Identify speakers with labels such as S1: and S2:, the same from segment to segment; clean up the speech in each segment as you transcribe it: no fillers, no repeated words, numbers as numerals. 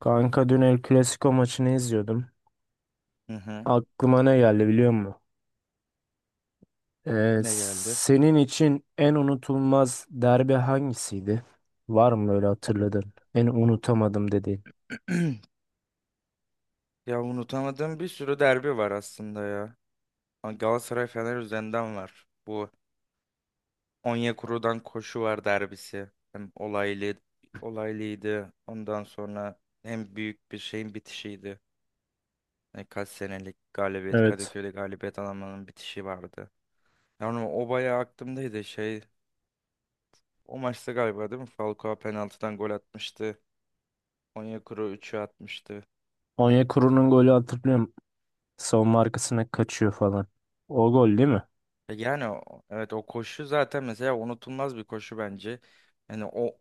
S1: Kanka dün El Clasico maçını izliyordum.
S2: Hı hı.
S1: Aklıma ne geldi biliyor musun? Ee,
S2: Ne geldi?
S1: senin için en unutulmaz derbi hangisiydi? Var mı öyle hatırladın? En unutamadım dediğin.
S2: Ya unutamadığım bir sürü derbi var aslında ya. Ha, Galatasaray Fener üzerinden var. Bu Onyekuru'dan koşu var derbisi. Hem olaylıydı. Ondan sonra hem büyük bir şeyin bitişiydi. Yani kaç senelik galibiyet
S1: Evet.
S2: Kadıköy'de galibiyet alamanın bitişi vardı. Yani o bayağı aklımdaydı şey. O maçta galiba değil mi? Falcao penaltıdan gol atmıştı. Onyekuru üçü atmıştı.
S1: Onyekuru'nun golü hatırlıyorum. Savunma arkasına kaçıyor falan. O gol değil mi?
S2: Evet, o koşu zaten mesela unutulmaz bir koşu bence. Yani o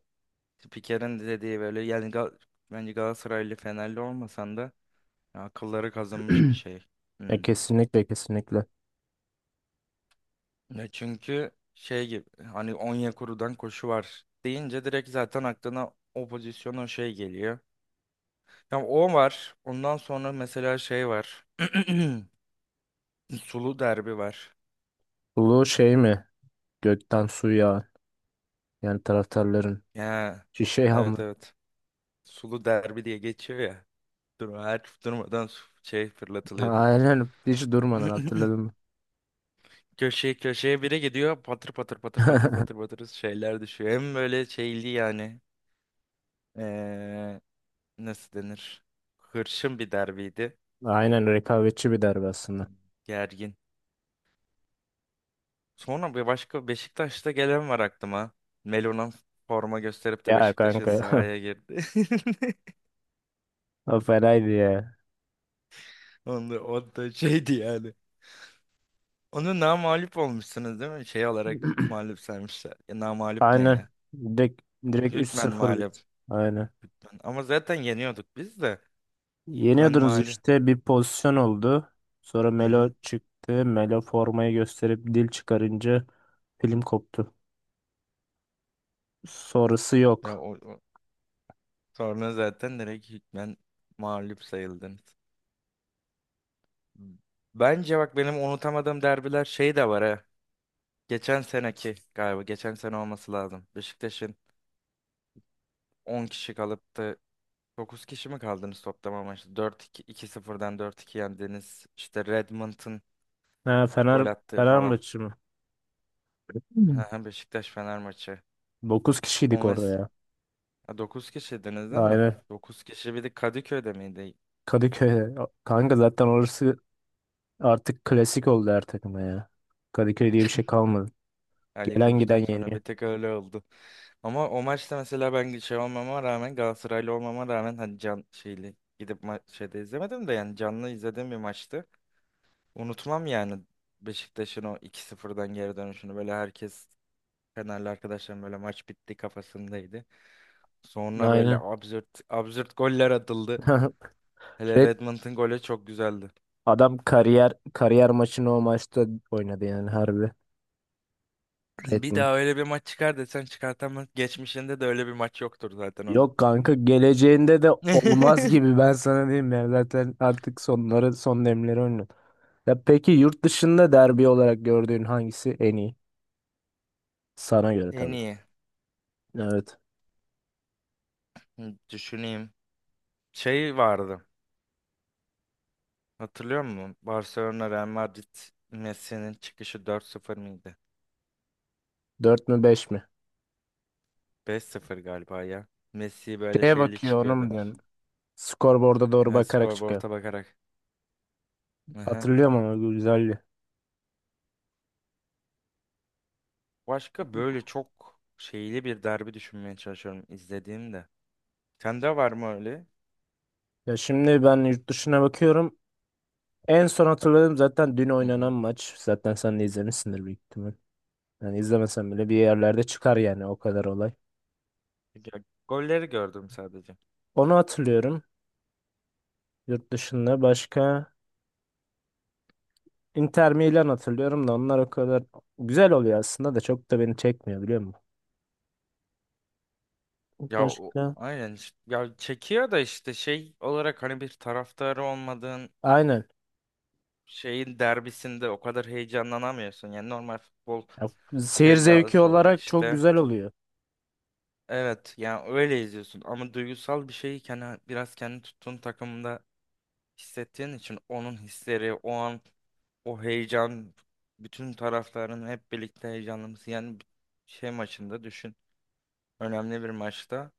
S2: Spiker'in de dediği böyle yani bence Galatasaraylı Fenerli olmasan da ya akılları kazınmış bir şey.
S1: E,
S2: Hmm.
S1: kesinlikle kesinlikle.
S2: Ya çünkü şey gibi hani Onyekuru'dan koşu var deyince direkt zaten aklına o pozisyon o şey geliyor. Ya o var. Ondan sonra mesela şey var. Sulu derbi var.
S1: Bu şey mi? Gökten su yağan. Yani taraftarların.
S2: Ya,
S1: Şişe
S2: evet,
S1: yağmur.
S2: evet. Sulu derbi diye geçiyor ya. Dur, her durmadan şey fırlatılıyordu.
S1: Aynen hiç durmadan hatırladım.
S2: Köşeye köşeye biri gidiyor patır patır patır patır patır patır şeyler düşüyor. Hem böyle şeyli yani ee, nasıl denir? Hırçın bir derbiydi.
S1: Aynen rekabetçi bir derbi aslında.
S2: Gergin. Sonra bir başka Beşiktaş'ta gelen var aklıma. Melo'nun forma gösterip de
S1: Ya
S2: Beşiktaş'ın
S1: kanka
S2: sahaya girdi.
S1: o fenaydı ya.
S2: Onda, o da şeydi yani. Onu namağlup olmuşsunuz değil mi? Şey olarak mağlup saymışlar. Ya, namağlup ne
S1: Aynen.
S2: ya?
S1: Direkt, direkt
S2: Hükmen
S1: 3-0 bitti.
S2: mağlup.
S1: Aynen.
S2: Ama zaten yeniyorduk biz de. Hükmen
S1: Yeniyordunuz
S2: mağlup.
S1: işte bir pozisyon oldu. Sonra
S2: Hı
S1: Melo
S2: hı.
S1: çıktı. Melo formayı gösterip dil çıkarınca film koptu. Sonrası
S2: Ya,
S1: yok.
S2: sonra zaten direkt hükmen mağlup sayıldınız. Bence bak benim unutamadığım derbiler şey de var ha. Geçen seneki galiba. Geçen sene olması lazım. Beşiktaş'ın 10 kişi kalıp da 9 kişi mi kaldınız toplama maçta? 4-2, 2-0'dan 4-2 yendiniz. İşte Redmond'ın
S1: Ha,
S2: gol attığı falan.
S1: Fenerbahçe mi? Hmm.
S2: Beşiktaş Fener maçı. O
S1: Kişiydik orada
S2: mes
S1: ya.
S2: Dokuz kişiydiniz değil mi?
S1: Aynen.
S2: Dokuz kişi bir de Kadıköy'de miydi?
S1: Kadıköy. Kanka zaten orası artık klasik oldu her takıma ya. Kadıköy diye bir şey kalmadı.
S2: Ali
S1: Gelen
S2: Koç'tan
S1: giden
S2: sonra
S1: yeniyor.
S2: bir tek öyle oldu. Ama o maçta mesela ben şey olmama rağmen Galatasaraylı olmama rağmen hani can şeyli gidip şeyde izlemedim de yani canlı izlediğim bir maçtı. Unutmam yani Beşiktaş'ın o iki 0dan geri dönüşünü, böyle herkes Fenerli arkadaşlarım böyle maç bitti kafasındaydı. Sonra böyle
S1: Aynen.
S2: absürt absürt goller atıldı. Hele
S1: Red
S2: Redmond'un golü çok güzeldi.
S1: Adam kariyer maçını o maçta oynadı yani harbi.
S2: Bir
S1: Redmond.
S2: daha öyle bir maç çıkar desen çıkartamaz. Geçmişinde de öyle bir maç yoktur zaten onun.
S1: Yok kanka geleceğinde de olmaz gibi ben sana diyeyim ya. Zaten artık sonları son demleri oynuyor. Ya peki yurt dışında derbi olarak gördüğün hangisi en iyi? Sana göre
S2: En
S1: tabii.
S2: iyi.
S1: Evet.
S2: Hı, düşüneyim. Şey vardı. Hatırlıyor musun? Barcelona Real Madrid Messi'nin çıkışı 4-0 mıydı?
S1: Dört mü beş mi?
S2: 5-0 galiba ya. Messi böyle
S1: Şeye
S2: şeyli
S1: bakıyor onu
S2: çıkıyordu.
S1: mu diyorsun? Skorboard'a doğru
S2: Ne
S1: bakarak çıkıyor.
S2: skorboard'a bakarak. Aha.
S1: Hatırlıyorum ama güzeldi.
S2: Başka böyle çok şeyli bir derbi düşünmeye çalışıyorum izlediğimde. Sende var mı öyle?
S1: Ya şimdi ben yurt dışına bakıyorum. En son hatırladığım zaten dün
S2: Hı hı.
S1: oynanan maç. Zaten sen de izlemişsindir büyük ihtimal. Yani izlemesem bile bir yerlerde çıkar yani o kadar olay.
S2: Ya, golleri gördüm sadece.
S1: Onu hatırlıyorum. Yurt dışında başka Inter Milan hatırlıyorum da onlar o kadar güzel oluyor aslında da çok da beni çekmiyor biliyor musun? Başka?
S2: Ya çekiyor da işte şey olarak hani bir taraftarı olmadığın
S1: Aynen.
S2: şeyin derbisinde o kadar heyecanlanamıyorsun. Yani normal futbol
S1: Ya, seyir zevki
S2: sevdalısı olarak
S1: olarak çok
S2: işte.
S1: güzel oluyor.
S2: Evet yani öyle izliyorsun ama duygusal bir şeyi kendi, biraz kendi tuttuğun takımda hissettiğin için onun hisleri, o an o heyecan, bütün taraftarın hep birlikte heyecanlanması yani bir şey maçında düşün. Önemli bir maçta.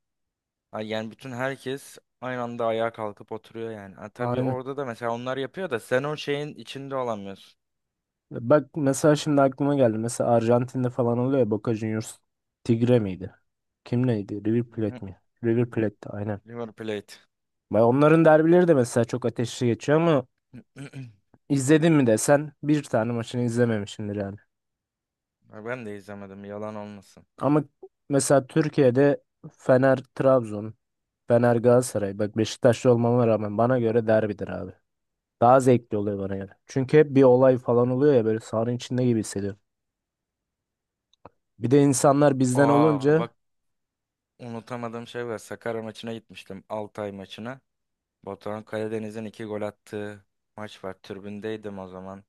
S2: Ha, yani bütün herkes aynı anda ayağa kalkıp oturuyor yani. Ha, tabii
S1: Aynen.
S2: orada da mesela onlar yapıyor da sen o şeyin içinde olamıyorsun.
S1: Bak mesela şimdi aklıma geldi. Mesela Arjantin'de falan oluyor ya Boca Juniors. Tigre miydi? Kim neydi? River
S2: Hı.
S1: Plate mi? River Plate'ti aynen.
S2: River Plate.
S1: Bak onların derbileri de mesela çok ateşli geçiyor ama İzledin mi desen bir tane maçını izlememişsindir yani.
S2: Ha, ben de izlemedim yalan olmasın.
S1: Ama mesela Türkiye'de Fener Trabzon, Fener Galatasaray. Bak Beşiktaşlı olmama rağmen bana göre derbidir abi. Daha zevkli oluyor bana göre. Çünkü hep bir olay falan oluyor ya böyle sahanın içinde gibi hissediyorum. Bir de insanlar bizden
S2: Aa,
S1: olunca
S2: bak unutamadığım şey var. Sakarya maçına gitmiştim. Altay maçına. Batuhan Karadeniz'in iki gol attığı maç var. Tribündeydim o zaman.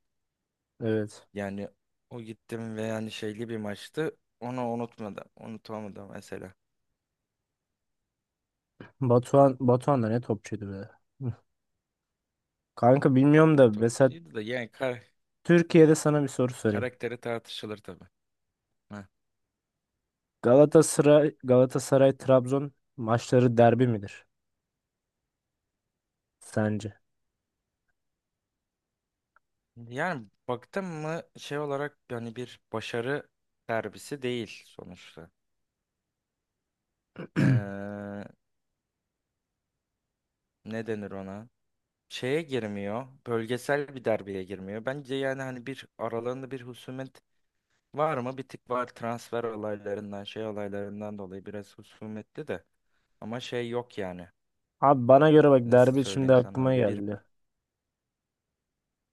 S1: evet.
S2: Yani o gittim ve yani şeyli bir maçtı. Onu unutmadım. Unutamadım mesela.
S1: Batuhan da ne topçuydu be. Hı. Kanka bilmiyorum da mesela
S2: Topçuydu da yani kar
S1: Türkiye'de sana bir soru sorayım.
S2: karakteri tartışılır tabii. Heh.
S1: Galatasaray Trabzon maçları derbi midir sence?
S2: Yani baktım mı şey olarak yani bir başarı derbisi değil sonuçta. Ee, Ne denir ona? Şeye girmiyor. Bölgesel bir derbeye girmiyor. Bence yani hani bir aralarında bir husumet var mı? Bir tık var transfer olaylarından, şey olaylarından dolayı biraz husumetli de. Ama şey yok yani.
S1: Abi bana göre bak
S2: Nasıl
S1: derbi şimdi
S2: söyleyeyim sana
S1: aklıma
S2: öyle bir...
S1: geldi.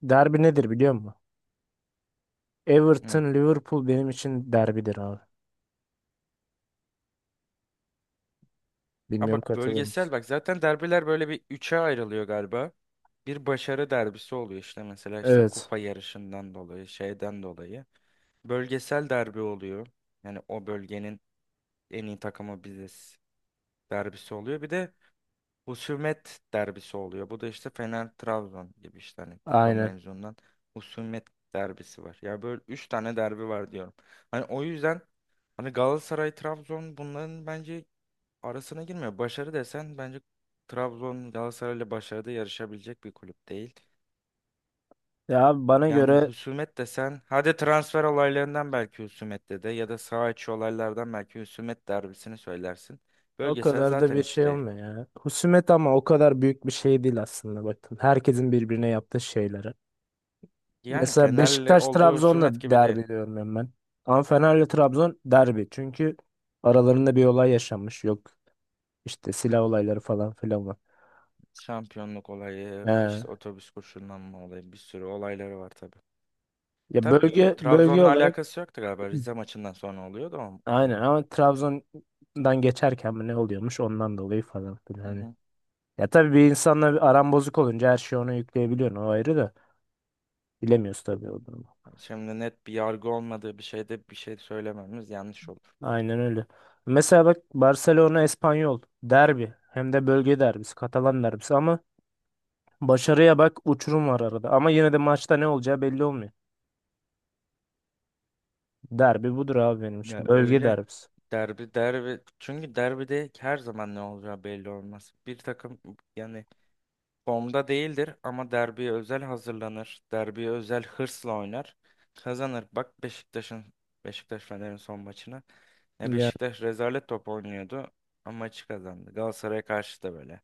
S1: Derbi nedir biliyor musun?
S2: Hı.
S1: Everton Liverpool benim için derbidir abi.
S2: Ha,
S1: Bilmiyorum
S2: bak
S1: katılır
S2: bölgesel
S1: mısın?
S2: bak zaten derbiler böyle bir üçe ayrılıyor galiba. Bir başarı derbisi oluyor işte mesela işte
S1: Evet.
S2: kupa yarışından dolayı şeyden dolayı. Bölgesel derbi oluyor. Yani o bölgenin en iyi takımı biziz derbisi oluyor. Bir de husumet derbisi oluyor. Bu da işte Fener Trabzon gibi işte hani kupa
S1: Aynen.
S2: mevzundan husumet derbisi var. Ya böyle 3 tane derbi var diyorum. Hani o yüzden hani Galatasaray Trabzon bunların bence arasına girmiyor. Başarı desen bence Trabzon Galatasaray ile başarıda yarışabilecek bir kulüp değil.
S1: Ya abi bana
S2: Yani
S1: göre
S2: husumet desen hadi transfer olaylarından belki husumette de ya da saha içi olaylardan belki husumet derbisini söylersin.
S1: o
S2: Bölgesel
S1: kadar da
S2: zaten
S1: bir
S2: hiç
S1: şey
S2: değil.
S1: olmuyor ya. Husumet ama o kadar büyük bir şey değil aslında bakın. Herkesin birbirine yaptığı şeyleri.
S2: Yani
S1: Mesela
S2: Fener'le
S1: Beşiktaş
S2: olduğu
S1: Trabzon'la
S2: husumet gibi değil.
S1: derbi diyorum ben. Ama Fener'le Trabzon derbi. Çünkü aralarında bir olay yaşanmış. Yok işte silah olayları falan filan var.
S2: Şampiyonluk olayı,
S1: He.
S2: işte otobüs koşullanma olayı bir sürü olayları var tabii.
S1: Ya
S2: Tabii,
S1: bölge bölge
S2: Trabzon'la
S1: olarak
S2: alakası yoktu galiba. Rize maçından sonra oluyordu o
S1: aynen
S2: olay.
S1: ama Trabzon'dan geçerken mi ne oluyormuş ondan dolayı falan filan
S2: Hı
S1: hani.
S2: hı.
S1: Ya tabii bir insanla bir aram bozuk olunca her şeyi ona yükleyebiliyorsun o ayrı da bilemiyoruz tabii
S2: Tabii.
S1: o durumu.
S2: Yani şimdi net bir yargı olmadığı bir şeyde bir şey söylememiz yanlış olur.
S1: Aynen öyle. Mesela bak Barcelona Espanyol derbi hem de bölge derbisi Katalan derbisi ama başarıya bak uçurum var arada ama yine de maçta ne olacağı belli olmuyor. Derbi budur abi benim
S2: Ya
S1: için bölge
S2: öyle.
S1: derbisi.
S2: Derbi derbi çünkü derbide her zaman ne olacağı belli olmaz. Bir takım yani formda değildir ama derbiye özel hazırlanır. Derbiye özel hırsla oynar. Kazanır. Bak Beşiktaş'ın Beşiktaş Fener'in son maçına. Ya
S1: Yani,
S2: Beşiktaş rezalet top oynuyordu ama maçı kazandı. Galatasaray'a karşı da böyle.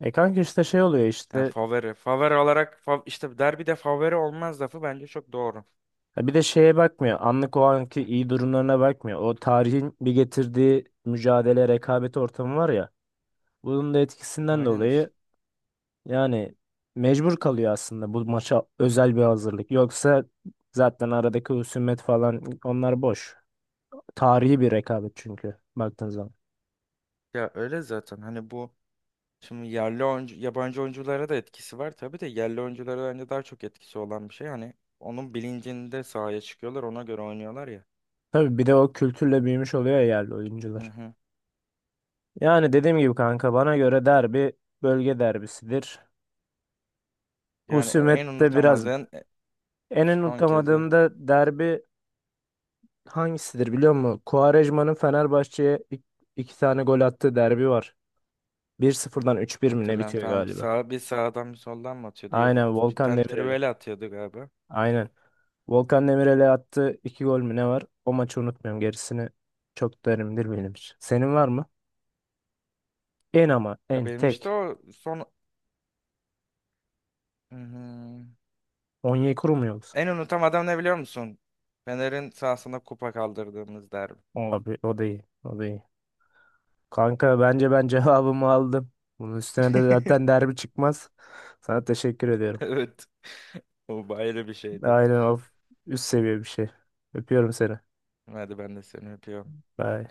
S1: kanka işte şey oluyor
S2: Yani
S1: işte.
S2: favori. Favori olarak işte derbide favori olmaz lafı bence çok doğru.
S1: Ya bir de şeye bakmıyor. Anlık o anki iyi durumlarına bakmıyor. O tarihin bir getirdiği mücadele, rekabet ortamı var ya. Bunun da etkisinden
S2: Aynen işte.
S1: dolayı yani mecbur kalıyor aslında bu maça özel bir hazırlık. Yoksa zaten aradaki husumet falan onlar boş. Tarihi bir rekabet çünkü baktığın zaman.
S2: Ya öyle zaten hani bu şimdi yerli oyuncu yabancı oyunculara da etkisi var tabii de yerli oyunculara bence daha çok etkisi olan bir şey. Hani onun bilincinde sahaya çıkıyorlar ona göre oynuyorlar ya.
S1: Tabii bir de o kültürle büyümüş oluyor ya yerli
S2: Hı
S1: oyuncular.
S2: hı.
S1: Yani dediğim gibi kanka bana göre derbi bölge derbisidir.
S2: Yani en
S1: Husumette biraz
S2: unutamadığın
S1: en
S2: son kezi
S1: unutamadığım da derbi hangisidir biliyor musun? Quaresma'nın Fenerbahçe'ye iki tane gol attığı derbi var. 1-0'dan 3-1 mi ne
S2: hatırlayan
S1: bitiyor
S2: tam
S1: galiba?
S2: sağa bir sağdan bir soldan mı atıyordu ya da
S1: Aynen
S2: bir
S1: Volkan
S2: tane
S1: Demirel'e.
S2: trivela atıyordu galiba.
S1: Aynen. Volkan Demirel'e attığı iki gol mü ne var? O maçı unutmuyorum. Gerisini çok derindir benim için. Senin var mı? En ama
S2: Ya
S1: en
S2: benim işte
S1: tek.
S2: o son Hmm.
S1: Onyekuru mu yoksa?
S2: en unutamadığım ne biliyor musun? Fener'in sahasına kupa kaldırdığımız derbi.
S1: Abi o da iyi. O da iyi. Kanka bence ben cevabımı aldım. Bunun üstüne de zaten derbi çıkmaz. Sana teşekkür ediyorum.
S2: Evet. O ayrı bir şeydi.
S1: Aynen of. Üst seviye bir şey. Öpüyorum seni.
S2: Hadi ben de seni öpüyorum.
S1: Bye.